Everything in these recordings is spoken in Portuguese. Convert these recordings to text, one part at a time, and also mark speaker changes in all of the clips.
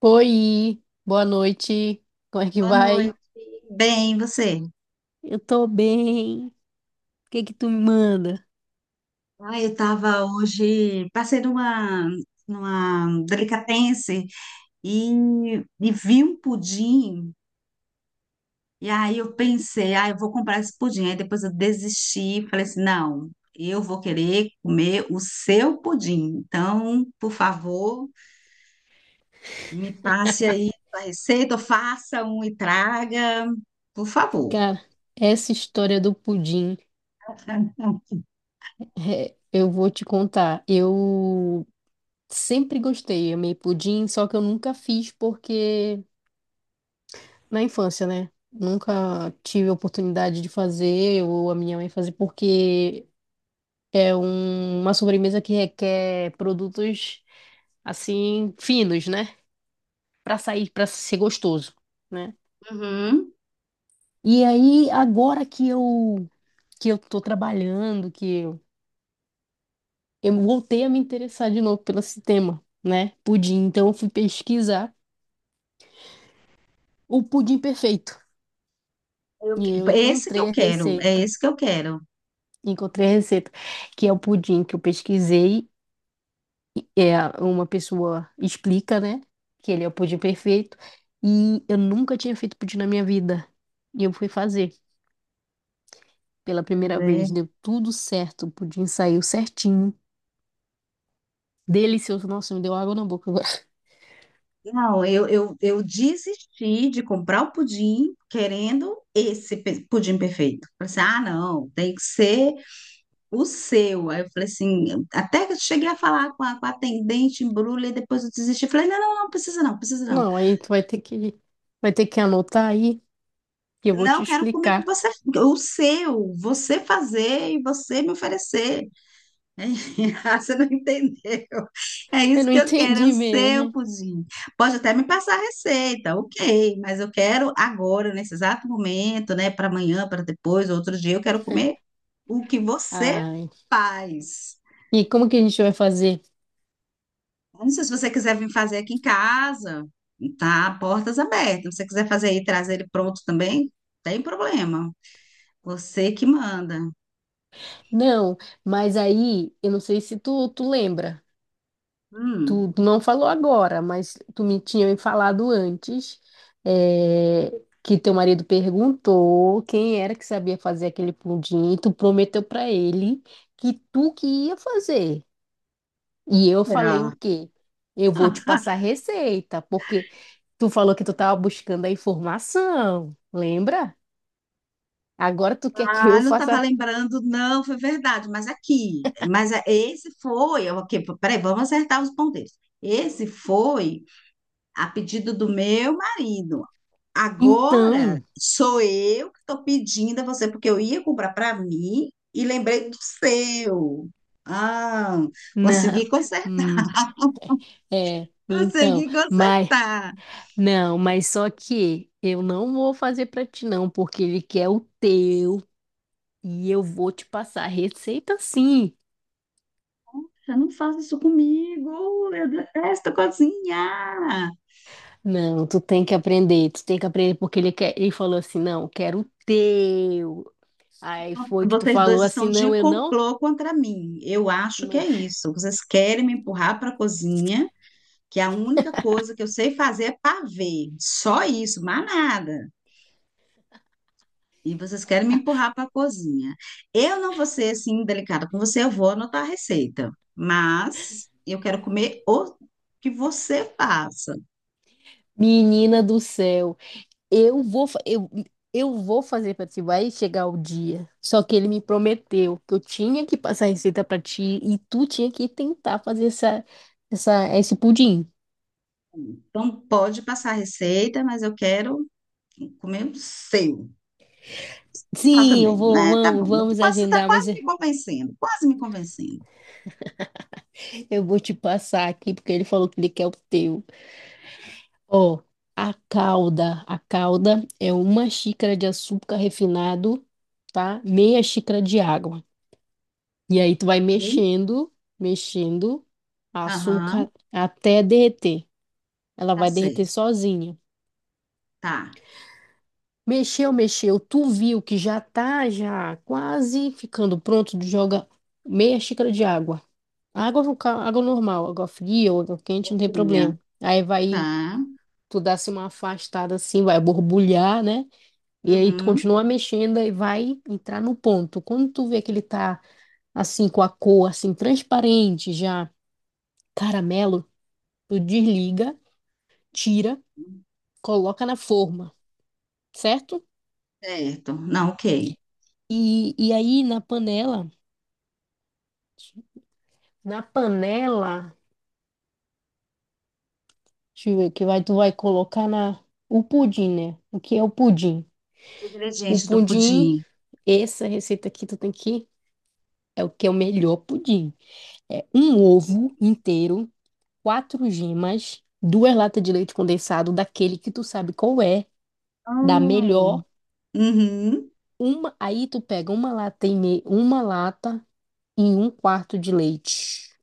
Speaker 1: Oi, boa noite. Como é que
Speaker 2: Boa noite.
Speaker 1: vai?
Speaker 2: Bem, e você?
Speaker 1: Eu tô bem. O que que tu me manda?
Speaker 2: Eu estava hoje, passei numa delicatessen e, e vi um pudim. E aí eu pensei, ah, eu vou comprar esse pudim. Aí depois eu desisti, falei assim, não, eu vou querer comer o seu pudim. Então, por favor, me passe aí a receita, ou faça um e traga, por favor.
Speaker 1: Cara, essa história do pudim, é, eu vou te contar. Eu sempre gostei, amei pudim, só que eu nunca fiz porque na infância, né? Nunca tive a oportunidade de fazer ou a minha mãe fazer porque é uma sobremesa que requer produtos assim finos, né? Pra sair, pra ser gostoso. Né?
Speaker 2: Uhum.
Speaker 1: E aí, agora que eu tô trabalhando, que eu voltei a me interessar de novo pelo esse tema, né? Pudim. Então, eu fui pesquisar o pudim perfeito. E eu
Speaker 2: Esse que eu
Speaker 1: encontrei a
Speaker 2: quero, é
Speaker 1: receita.
Speaker 2: esse que eu quero.
Speaker 1: Encontrei a receita, que é o pudim que eu pesquisei. É, uma pessoa explica, né? Que ele é o pudim perfeito. E eu nunca tinha feito pudim na minha vida. E eu fui fazer pela primeira vez. Deu tudo certo. O pudim saiu certinho. Delicioso. Nossa, me deu água na boca.
Speaker 2: Não, eu desisti de comprar o pudim querendo pudim perfeito. Falei assim, ah, não, tem que ser o seu. Aí eu falei assim, até que eu cheguei a falar com a atendente, embrulha, e depois eu desisti. Falei, não, não, não, precisa não, precisa não.
Speaker 1: Não, aí tu vai ter que anotar aí que eu vou te
Speaker 2: Não, quero comer que
Speaker 1: explicar.
Speaker 2: você, o seu, você fazer e você me oferecer. Ah, você não entendeu. É
Speaker 1: Eu
Speaker 2: isso
Speaker 1: não
Speaker 2: que eu quero, é
Speaker 1: entendi
Speaker 2: o seu
Speaker 1: mesmo.
Speaker 2: pudim. Pode até me passar a receita, ok, mas eu quero agora, nesse exato momento, né, para amanhã, para depois, outro dia, eu quero comer o que você
Speaker 1: Ai.
Speaker 2: faz.
Speaker 1: E como que a gente vai fazer?
Speaker 2: Eu não sei se você quiser vir fazer aqui em casa, tá? Portas abertas. Se você quiser fazer aí, e trazer ele pronto também, tem problema. Você que manda.
Speaker 1: Não, mas aí eu não sei se tu lembra.
Speaker 2: Hum,
Speaker 1: Tu não falou agora, mas tu me tinha me falado antes é, que teu marido perguntou quem era que sabia fazer aquele pudim e tu prometeu pra ele que tu que ia fazer. E eu falei o
Speaker 2: será?
Speaker 1: quê? Eu vou te passar a receita, porque tu falou que tu tava buscando a informação, lembra? Agora tu quer que eu
Speaker 2: Não estava
Speaker 1: faça.
Speaker 2: lembrando, não, foi verdade, mas aqui, esse foi, ok, peraí, vamos acertar os ponteiros. Esse foi a pedido do meu marido. Agora
Speaker 1: Então,
Speaker 2: sou eu que estou pedindo a você, porque eu ia comprar para mim e lembrei do seu. Ah, consegui
Speaker 1: não.
Speaker 2: consertar,
Speaker 1: Hum, É, então,
Speaker 2: consegui
Speaker 1: mas
Speaker 2: consertar.
Speaker 1: não, mas só que eu não vou fazer pra ti não, porque ele quer o teu e eu vou te passar a receita sim.
Speaker 2: Eu não faço isso comigo, eu detesto cozinhar.
Speaker 1: Não, tu tem que aprender, tu tem que aprender porque ele quer, ele falou assim, não, quero o teu. Aí foi que tu
Speaker 2: Vocês
Speaker 1: falou
Speaker 2: dois
Speaker 1: assim,
Speaker 2: estão
Speaker 1: não,
Speaker 2: de
Speaker 1: eu não.
Speaker 2: complô contra mim. Eu acho que é isso. Vocês querem me empurrar para a cozinha, que a única coisa que eu sei fazer é pavê. Só isso, mais nada. E vocês querem me empurrar para a cozinha. Eu não vou ser assim delicada com você, eu vou anotar a receita. Mas eu quero comer o que você faça.
Speaker 1: Menina do céu. Eu vou fazer pra ti, vai chegar o dia. Só que ele me prometeu que eu tinha que passar a receita pra ti e tu tinha que tentar fazer esse pudim.
Speaker 2: Então pode passar a receita, mas eu quero comer o seu. Ela
Speaker 1: Sim, eu
Speaker 2: também,
Speaker 1: vou,
Speaker 2: né? Tá bom.
Speaker 1: vamos,
Speaker 2: Eu tô
Speaker 1: vamos
Speaker 2: quase, você tá
Speaker 1: agendar, mas
Speaker 2: quase
Speaker 1: eu
Speaker 2: me convencendo, quase me convencendo.
Speaker 1: eu vou te passar aqui porque ele falou que ele quer o teu. Ó, a calda é uma xícara de açúcar refinado, tá? Meia xícara de água. E aí tu vai
Speaker 2: Ok?
Speaker 1: mexendo, mexendo
Speaker 2: Aham,
Speaker 1: açúcar até derreter. Ela
Speaker 2: tá
Speaker 1: vai derreter
Speaker 2: certo,
Speaker 1: sozinha.
Speaker 2: tá.
Speaker 1: Mexeu, mexeu. Tu viu que já tá já quase ficando pronto, joga meia xícara de água. Água, no ca- água normal, água fria ou água quente,
Speaker 2: Boa
Speaker 1: não tem
Speaker 2: fria,
Speaker 1: problema. Aí vai,
Speaker 2: tá.
Speaker 1: tu dá assim uma afastada assim, vai borbulhar, né? E aí tu
Speaker 2: Uhum,
Speaker 1: continua mexendo e vai entrar no ponto. Quando tu vê que ele tá assim com a cor assim transparente já, caramelo, tu desliga, tira, coloca na forma, certo?
Speaker 2: certo, não, ok.
Speaker 1: E aí na panela Na panela, deixa eu ver, que vai, tu vai colocar na, o pudim, né? O que é o pudim?
Speaker 2: Os
Speaker 1: O
Speaker 2: ingredientes do
Speaker 1: pudim,
Speaker 2: pudim.
Speaker 1: essa receita aqui é o que é o melhor pudim. É um ovo inteiro, quatro gemas, duas latas de leite condensado, daquele que tu sabe qual é, da
Speaker 2: Hum,
Speaker 1: melhor.
Speaker 2: Uhum.
Speaker 1: Uma, aí tu pega uma lata e meia, uma lata e um quarto de leite.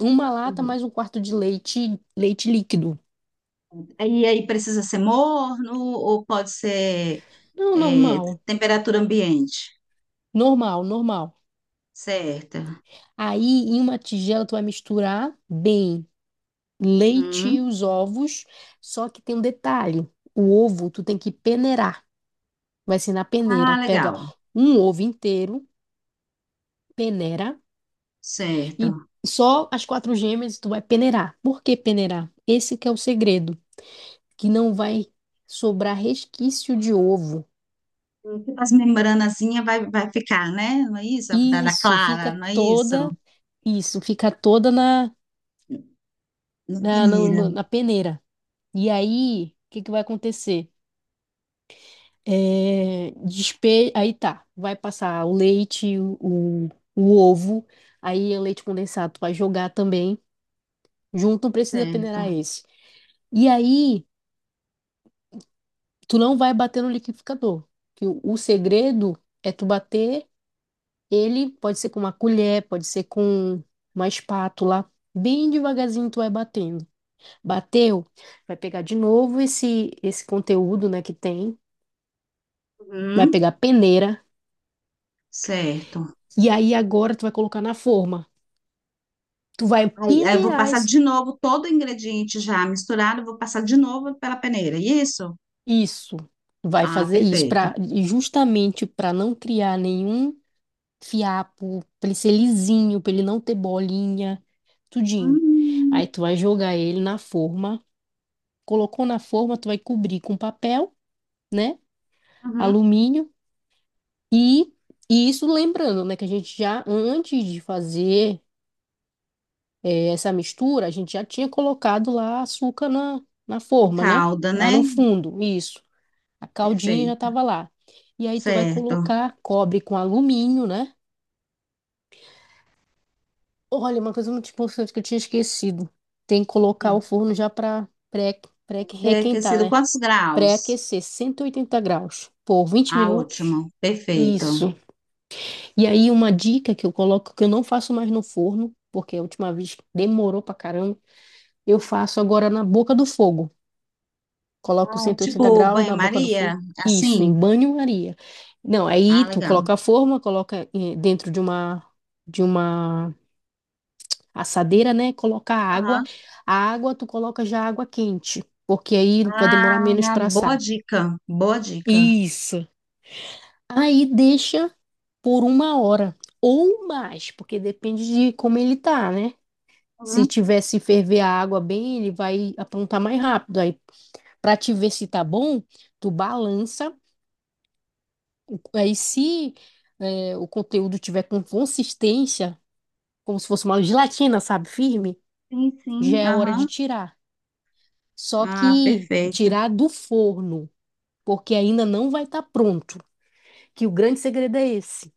Speaker 1: Uma lata
Speaker 2: Uhum.
Speaker 1: mais um quarto de leite, leite líquido.
Speaker 2: E aí precisa ser morno ou pode ser
Speaker 1: Não, normal,
Speaker 2: temperatura ambiente?
Speaker 1: normal, normal.
Speaker 2: Certo.
Speaker 1: Aí, em uma tigela, tu vai misturar bem leite e
Speaker 2: Uhum.
Speaker 1: os ovos. Só que tem um detalhe: o ovo tu tem que peneirar. Vai ser na
Speaker 2: Ah,
Speaker 1: peneira. Pega
Speaker 2: legal.
Speaker 1: um ovo inteiro, peneira, e
Speaker 2: Certo.
Speaker 1: só as quatro gêmeas tu vai peneirar. Por que peneirar? Esse que é o segredo, que não vai sobrar resquício de ovo.
Speaker 2: Tipo as membranazinhas vai, vai ficar, né? Não é isso? Da
Speaker 1: Isso, fica
Speaker 2: clara, não é isso?
Speaker 1: toda, isso, fica toda na,
Speaker 2: Na
Speaker 1: na,
Speaker 2: peneira.
Speaker 1: na, na peneira. E aí, o que que vai acontecer? Aí tá, vai passar o leite, o ovo, aí é leite condensado, tu vai jogar também, junto, não precisa peneirar
Speaker 2: Certo.
Speaker 1: esse. E aí, tu não vai bater no liquidificador, que o segredo é tu bater ele, pode ser com uma colher, pode ser com uma espátula, bem devagarzinho tu vai batendo. Bateu, vai pegar de novo esse conteúdo, né, que tem, vai pegar
Speaker 2: Uhum.
Speaker 1: a peneira,
Speaker 2: Certo.
Speaker 1: e aí agora tu vai colocar na forma. Tu vai
Speaker 2: Aí, aí eu vou
Speaker 1: peneirar
Speaker 2: passar
Speaker 1: is-
Speaker 2: de novo todo o ingrediente já misturado, eu vou passar de novo pela peneira. É isso?
Speaker 1: isso. Tu vai
Speaker 2: Ah,
Speaker 1: fazer isso
Speaker 2: perfeito.
Speaker 1: para justamente para não criar nenhum fiapo, para ele ser lisinho, para ele não ter bolinha, tudinho.
Speaker 2: Hum,
Speaker 1: Aí tu vai jogar ele na forma. Colocou na forma, tu vai cobrir com papel, né?
Speaker 2: uhum.
Speaker 1: Alumínio e E isso lembrando, né, que a gente já, antes de fazer essa mistura, a gente já tinha colocado lá açúcar na, na
Speaker 2: O
Speaker 1: forma, né?
Speaker 2: calda,
Speaker 1: Lá
Speaker 2: né?
Speaker 1: no fundo, isso. A caldinha já
Speaker 2: Perfeito.
Speaker 1: estava lá. E aí tu vai
Speaker 2: Certo.
Speaker 1: colocar, cobre com alumínio, né? Olha, uma coisa muito importante que eu tinha esquecido. Tem que colocar o
Speaker 2: Sim.
Speaker 1: forno já para pré,
Speaker 2: Ter
Speaker 1: pré-requentar,
Speaker 2: aquecido
Speaker 1: né?
Speaker 2: quantos graus?
Speaker 1: Pré-aquecer, 180 graus por vinte
Speaker 2: Ah,
Speaker 1: minutos.
Speaker 2: ótimo. Perfeito.
Speaker 1: Isso. E aí uma dica que eu coloco, que eu não faço mais no forno, porque a última vez demorou pra caramba, eu faço agora na boca do fogo. Coloca os
Speaker 2: Ah,
Speaker 1: 180
Speaker 2: tipo
Speaker 1: graus na boca do fogo.
Speaker 2: banho-maria?
Speaker 1: Isso, em
Speaker 2: Assim?
Speaker 1: banho-maria. Não, aí
Speaker 2: Ah,
Speaker 1: tu
Speaker 2: legal.
Speaker 1: coloca a forma, coloca dentro de uma assadeira, né? Coloca a água.
Speaker 2: Aham.
Speaker 1: A água tu coloca já água quente, porque aí vai demorar menos
Speaker 2: Ah,
Speaker 1: para
Speaker 2: boa
Speaker 1: assar.
Speaker 2: dica. Boa dica.
Speaker 1: Isso. Aí deixa por uma hora ou mais, porque depende de como ele tá, né? Se
Speaker 2: Uhum.
Speaker 1: tiver se ferver a água bem, ele vai aprontar mais rápido. Aí, para te ver se tá bom, tu balança. Aí, se é, o conteúdo tiver com consistência, como se fosse uma gelatina, sabe, firme,
Speaker 2: Sim,
Speaker 1: já
Speaker 2: sim.
Speaker 1: é hora de
Speaker 2: Aham.
Speaker 1: tirar. Só
Speaker 2: Ah,
Speaker 1: que
Speaker 2: perfeito.
Speaker 1: tirar do forno, porque ainda não vai estar pronto. Que o grande segredo é esse.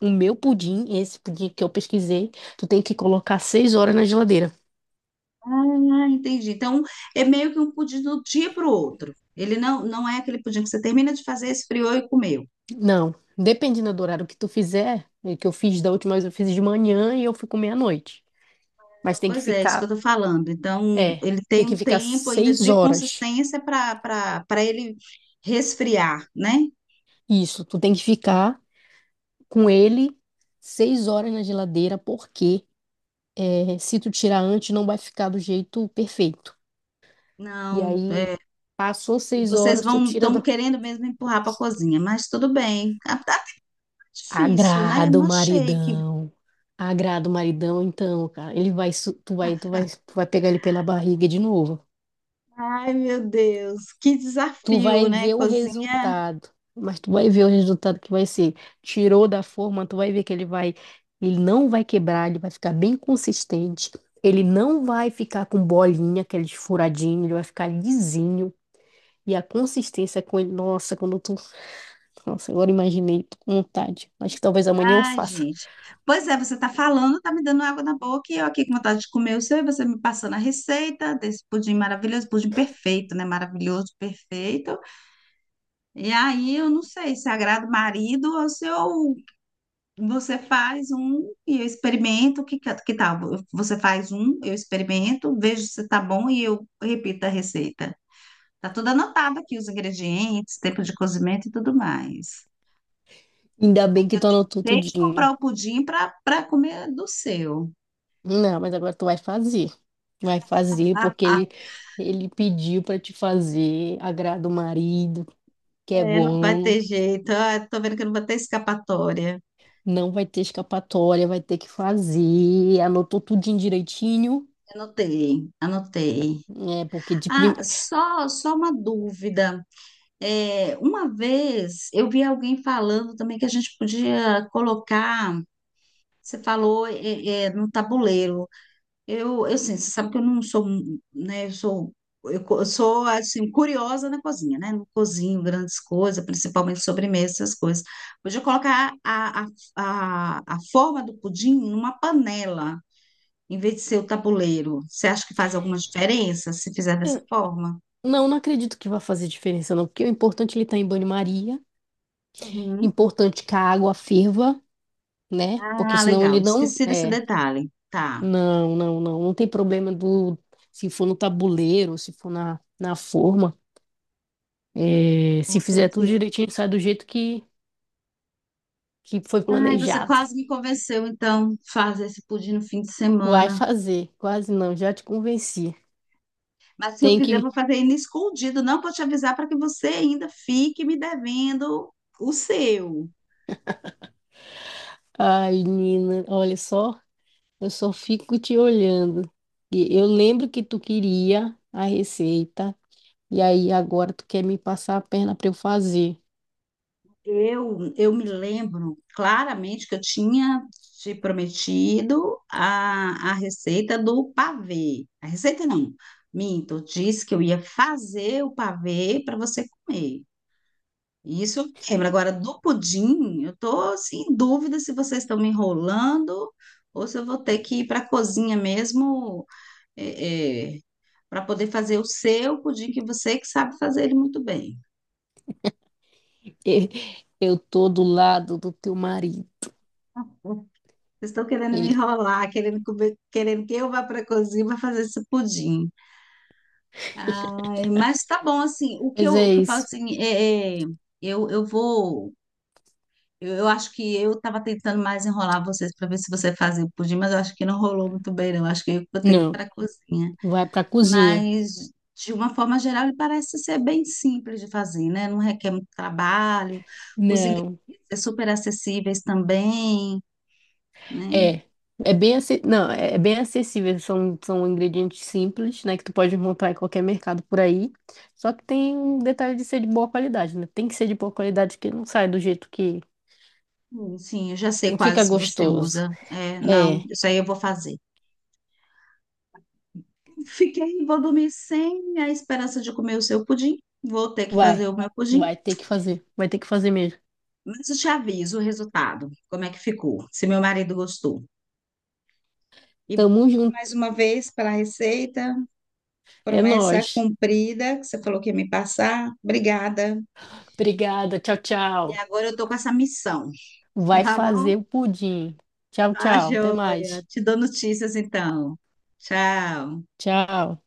Speaker 1: O meu pudim, esse pudim que eu pesquisei, tu tem que colocar 6 horas na geladeira.
Speaker 2: Ah, entendi. Então, é meio que um pudim do dia para o outro. Ele não, não é aquele pudim que você termina de fazer, esfriou e comeu.
Speaker 1: Não, dependendo do horário que tu fizer, é que eu fiz da última vez, eu fiz de manhã e eu fui comer à noite. Mas tem que
Speaker 2: Pois é, isso que eu
Speaker 1: ficar,
Speaker 2: estou falando. Então,
Speaker 1: é,
Speaker 2: ele
Speaker 1: tem
Speaker 2: tem
Speaker 1: que
Speaker 2: um
Speaker 1: ficar
Speaker 2: tempo ainda
Speaker 1: seis
Speaker 2: de
Speaker 1: horas.
Speaker 2: consistência para ele resfriar, né?
Speaker 1: Isso, tu tem que ficar com ele 6 horas na geladeira, porque é, se tu tirar antes, não vai ficar do jeito perfeito. E
Speaker 2: Não,
Speaker 1: aí,
Speaker 2: é,
Speaker 1: passou
Speaker 2: e
Speaker 1: seis
Speaker 2: vocês
Speaker 1: horas, tu
Speaker 2: vão
Speaker 1: tira
Speaker 2: estão
Speaker 1: da...
Speaker 2: querendo mesmo empurrar para a cozinha, mas tudo bem. Ah, tá difícil, né?
Speaker 1: Agrada o
Speaker 2: Não achei que.
Speaker 1: maridão. Agrada o maridão, então, cara, ele vai, tu vai pegar ele pela barriga de novo.
Speaker 2: Ai, meu Deus, que
Speaker 1: Tu
Speaker 2: desafio,
Speaker 1: vai
Speaker 2: né?
Speaker 1: ver o resultado, mas tu vai ver o resultado que vai ser. Tirou da forma, tu vai ver que ele vai, ele não vai quebrar, ele vai ficar bem consistente. Ele não vai ficar com bolinha, aquele furadinho, ele vai ficar lisinho. E a consistência com ele, nossa, nossa, agora imaginei, tô com vontade. Acho que talvez amanhã eu
Speaker 2: Ai,
Speaker 1: faça.
Speaker 2: gente. Pois é, você tá falando, tá me dando água na boca e eu aqui com vontade de comer o seu e você me passando a receita desse pudim maravilhoso, pudim perfeito, né? Maravilhoso, perfeito. E aí eu não sei se agrada o marido ou se eu, você faz um e eu experimento, que tal? Você faz um, eu experimento, vejo se tá bom e eu repito a receita. Tá tudo anotado aqui, os ingredientes, tempo de cozimento e tudo mais.
Speaker 1: Ainda bem
Speaker 2: Porque
Speaker 1: que
Speaker 2: eu
Speaker 1: tu anotou
Speaker 2: tenho que
Speaker 1: tudinho.
Speaker 2: comprar o pudim para para comer do seu.
Speaker 1: Não, mas agora tu vai fazer. Vai fazer
Speaker 2: Ah,
Speaker 1: porque
Speaker 2: ah,
Speaker 1: ele pediu pra te fazer, agrada o marido. Que é
Speaker 2: é, não vai
Speaker 1: bom,
Speaker 2: ter jeito. Ah, tô vendo que não vai ter escapatória.
Speaker 1: não vai ter escapatória, vai ter que fazer. Anotou tudinho direitinho,
Speaker 2: Anotei, anotei.
Speaker 1: né? Porque de
Speaker 2: Ah,
Speaker 1: primeiro.
Speaker 2: só, só uma dúvida. Uma vez eu vi alguém falando também que a gente podia colocar, você falou, no tabuleiro. Eu sim, você sabe que eu não sou, né, eu sou, eu sou, assim, curiosa na cozinha, né, não cozinho grandes coisas, principalmente sobremesa, essas coisas. Podia colocar a forma do pudim numa panela, em vez de ser o tabuleiro. Você acha que faz alguma diferença se fizer dessa forma?
Speaker 1: Não, não acredito que vai fazer diferença, não, porque o importante é ele tá em banho-maria,
Speaker 2: Uhum.
Speaker 1: importante é que a água ferva, né? Porque
Speaker 2: Ah,
Speaker 1: senão ele
Speaker 2: legal,
Speaker 1: não.
Speaker 2: esqueci desse
Speaker 1: É,
Speaker 2: detalhe. Tá,
Speaker 1: não, não, não. Não tem problema do. Se for no tabuleiro, se for na, na forma, é, se fizer tudo
Speaker 2: tranquilo.
Speaker 1: direitinho, sai do jeito que foi
Speaker 2: Ai, você
Speaker 1: planejado.
Speaker 2: quase me convenceu, então, fazer esse pudim no fim de
Speaker 1: Vai
Speaker 2: semana.
Speaker 1: fazer, quase não, já te convenci.
Speaker 2: Mas se eu
Speaker 1: Tem
Speaker 2: fizer,
Speaker 1: que.
Speaker 2: vou fazer ele escondido, não para te avisar para que você ainda fique me devendo o seu.
Speaker 1: Ai, Nina, olha só, eu só fico te olhando. E eu lembro que tu queria a receita, e aí agora tu quer me passar a perna para eu fazer.
Speaker 2: Eu me lembro claramente que eu tinha te prometido a receita do pavê. A receita não, minto, eu disse que eu ia fazer o pavê para você comer. E isso eu lembro. Agora, do pudim, eu tô assim, em dúvida se vocês estão me enrolando ou se eu vou ter que ir para a cozinha mesmo para poder fazer o seu pudim, que você que sabe fazer ele muito bem.
Speaker 1: Eu tô do lado do teu marido.
Speaker 2: Vocês estão querendo me
Speaker 1: Ele,
Speaker 2: enrolar, querendo comer, querendo que eu vá para a cozinha para fazer esse pudim. Ai, mas tá bom, assim,
Speaker 1: mas
Speaker 2: o
Speaker 1: é
Speaker 2: que eu falo
Speaker 1: isso.
Speaker 2: assim, eu vou. Eu acho que eu estava tentando mais enrolar vocês para ver se você fazia o pudim, mas eu acho que não rolou muito bem, não. Eu acho que eu vou ter que ir
Speaker 1: Não,
Speaker 2: para a cozinha.
Speaker 1: vai pra cozinha.
Speaker 2: Mas, de uma forma geral, ele parece ser bem simples de fazer, né? Não requer muito trabalho, os ingredientes
Speaker 1: Não.
Speaker 2: são super acessíveis também, né?
Speaker 1: É. É bem, ace- não, é é bem acessível, são, são ingredientes simples, né, que tu pode encontrar em qualquer mercado por aí. Só que tem um detalhe de ser de boa qualidade, né? Tem que ser de boa qualidade, que não sai do jeito que
Speaker 2: Sim, eu já sei
Speaker 1: não fica
Speaker 2: quais você
Speaker 1: gostoso.
Speaker 2: usa. É, não,
Speaker 1: É,
Speaker 2: isso aí eu vou fazer. Fiquei, vou dormir sem a esperança de comer o seu pudim. Vou ter que fazer
Speaker 1: vai.
Speaker 2: o meu pudim.
Speaker 1: Vai ter que fazer. Vai ter que fazer mesmo.
Speaker 2: Mas eu te aviso o resultado, como é que ficou, se meu marido gostou. E
Speaker 1: Tamo
Speaker 2: mais
Speaker 1: junto.
Speaker 2: uma vez pela receita,
Speaker 1: É
Speaker 2: promessa
Speaker 1: nóis.
Speaker 2: cumprida, que você falou que ia me passar. Obrigada.
Speaker 1: Obrigada. Tchau,
Speaker 2: E
Speaker 1: tchau.
Speaker 2: agora eu tô com essa missão,
Speaker 1: Vai
Speaker 2: tá bom?
Speaker 1: fazer o pudim. Tchau,
Speaker 2: Tá,
Speaker 1: tchau. Até
Speaker 2: joia.
Speaker 1: mais.
Speaker 2: Te dou notícias então. Tchau.
Speaker 1: Tchau.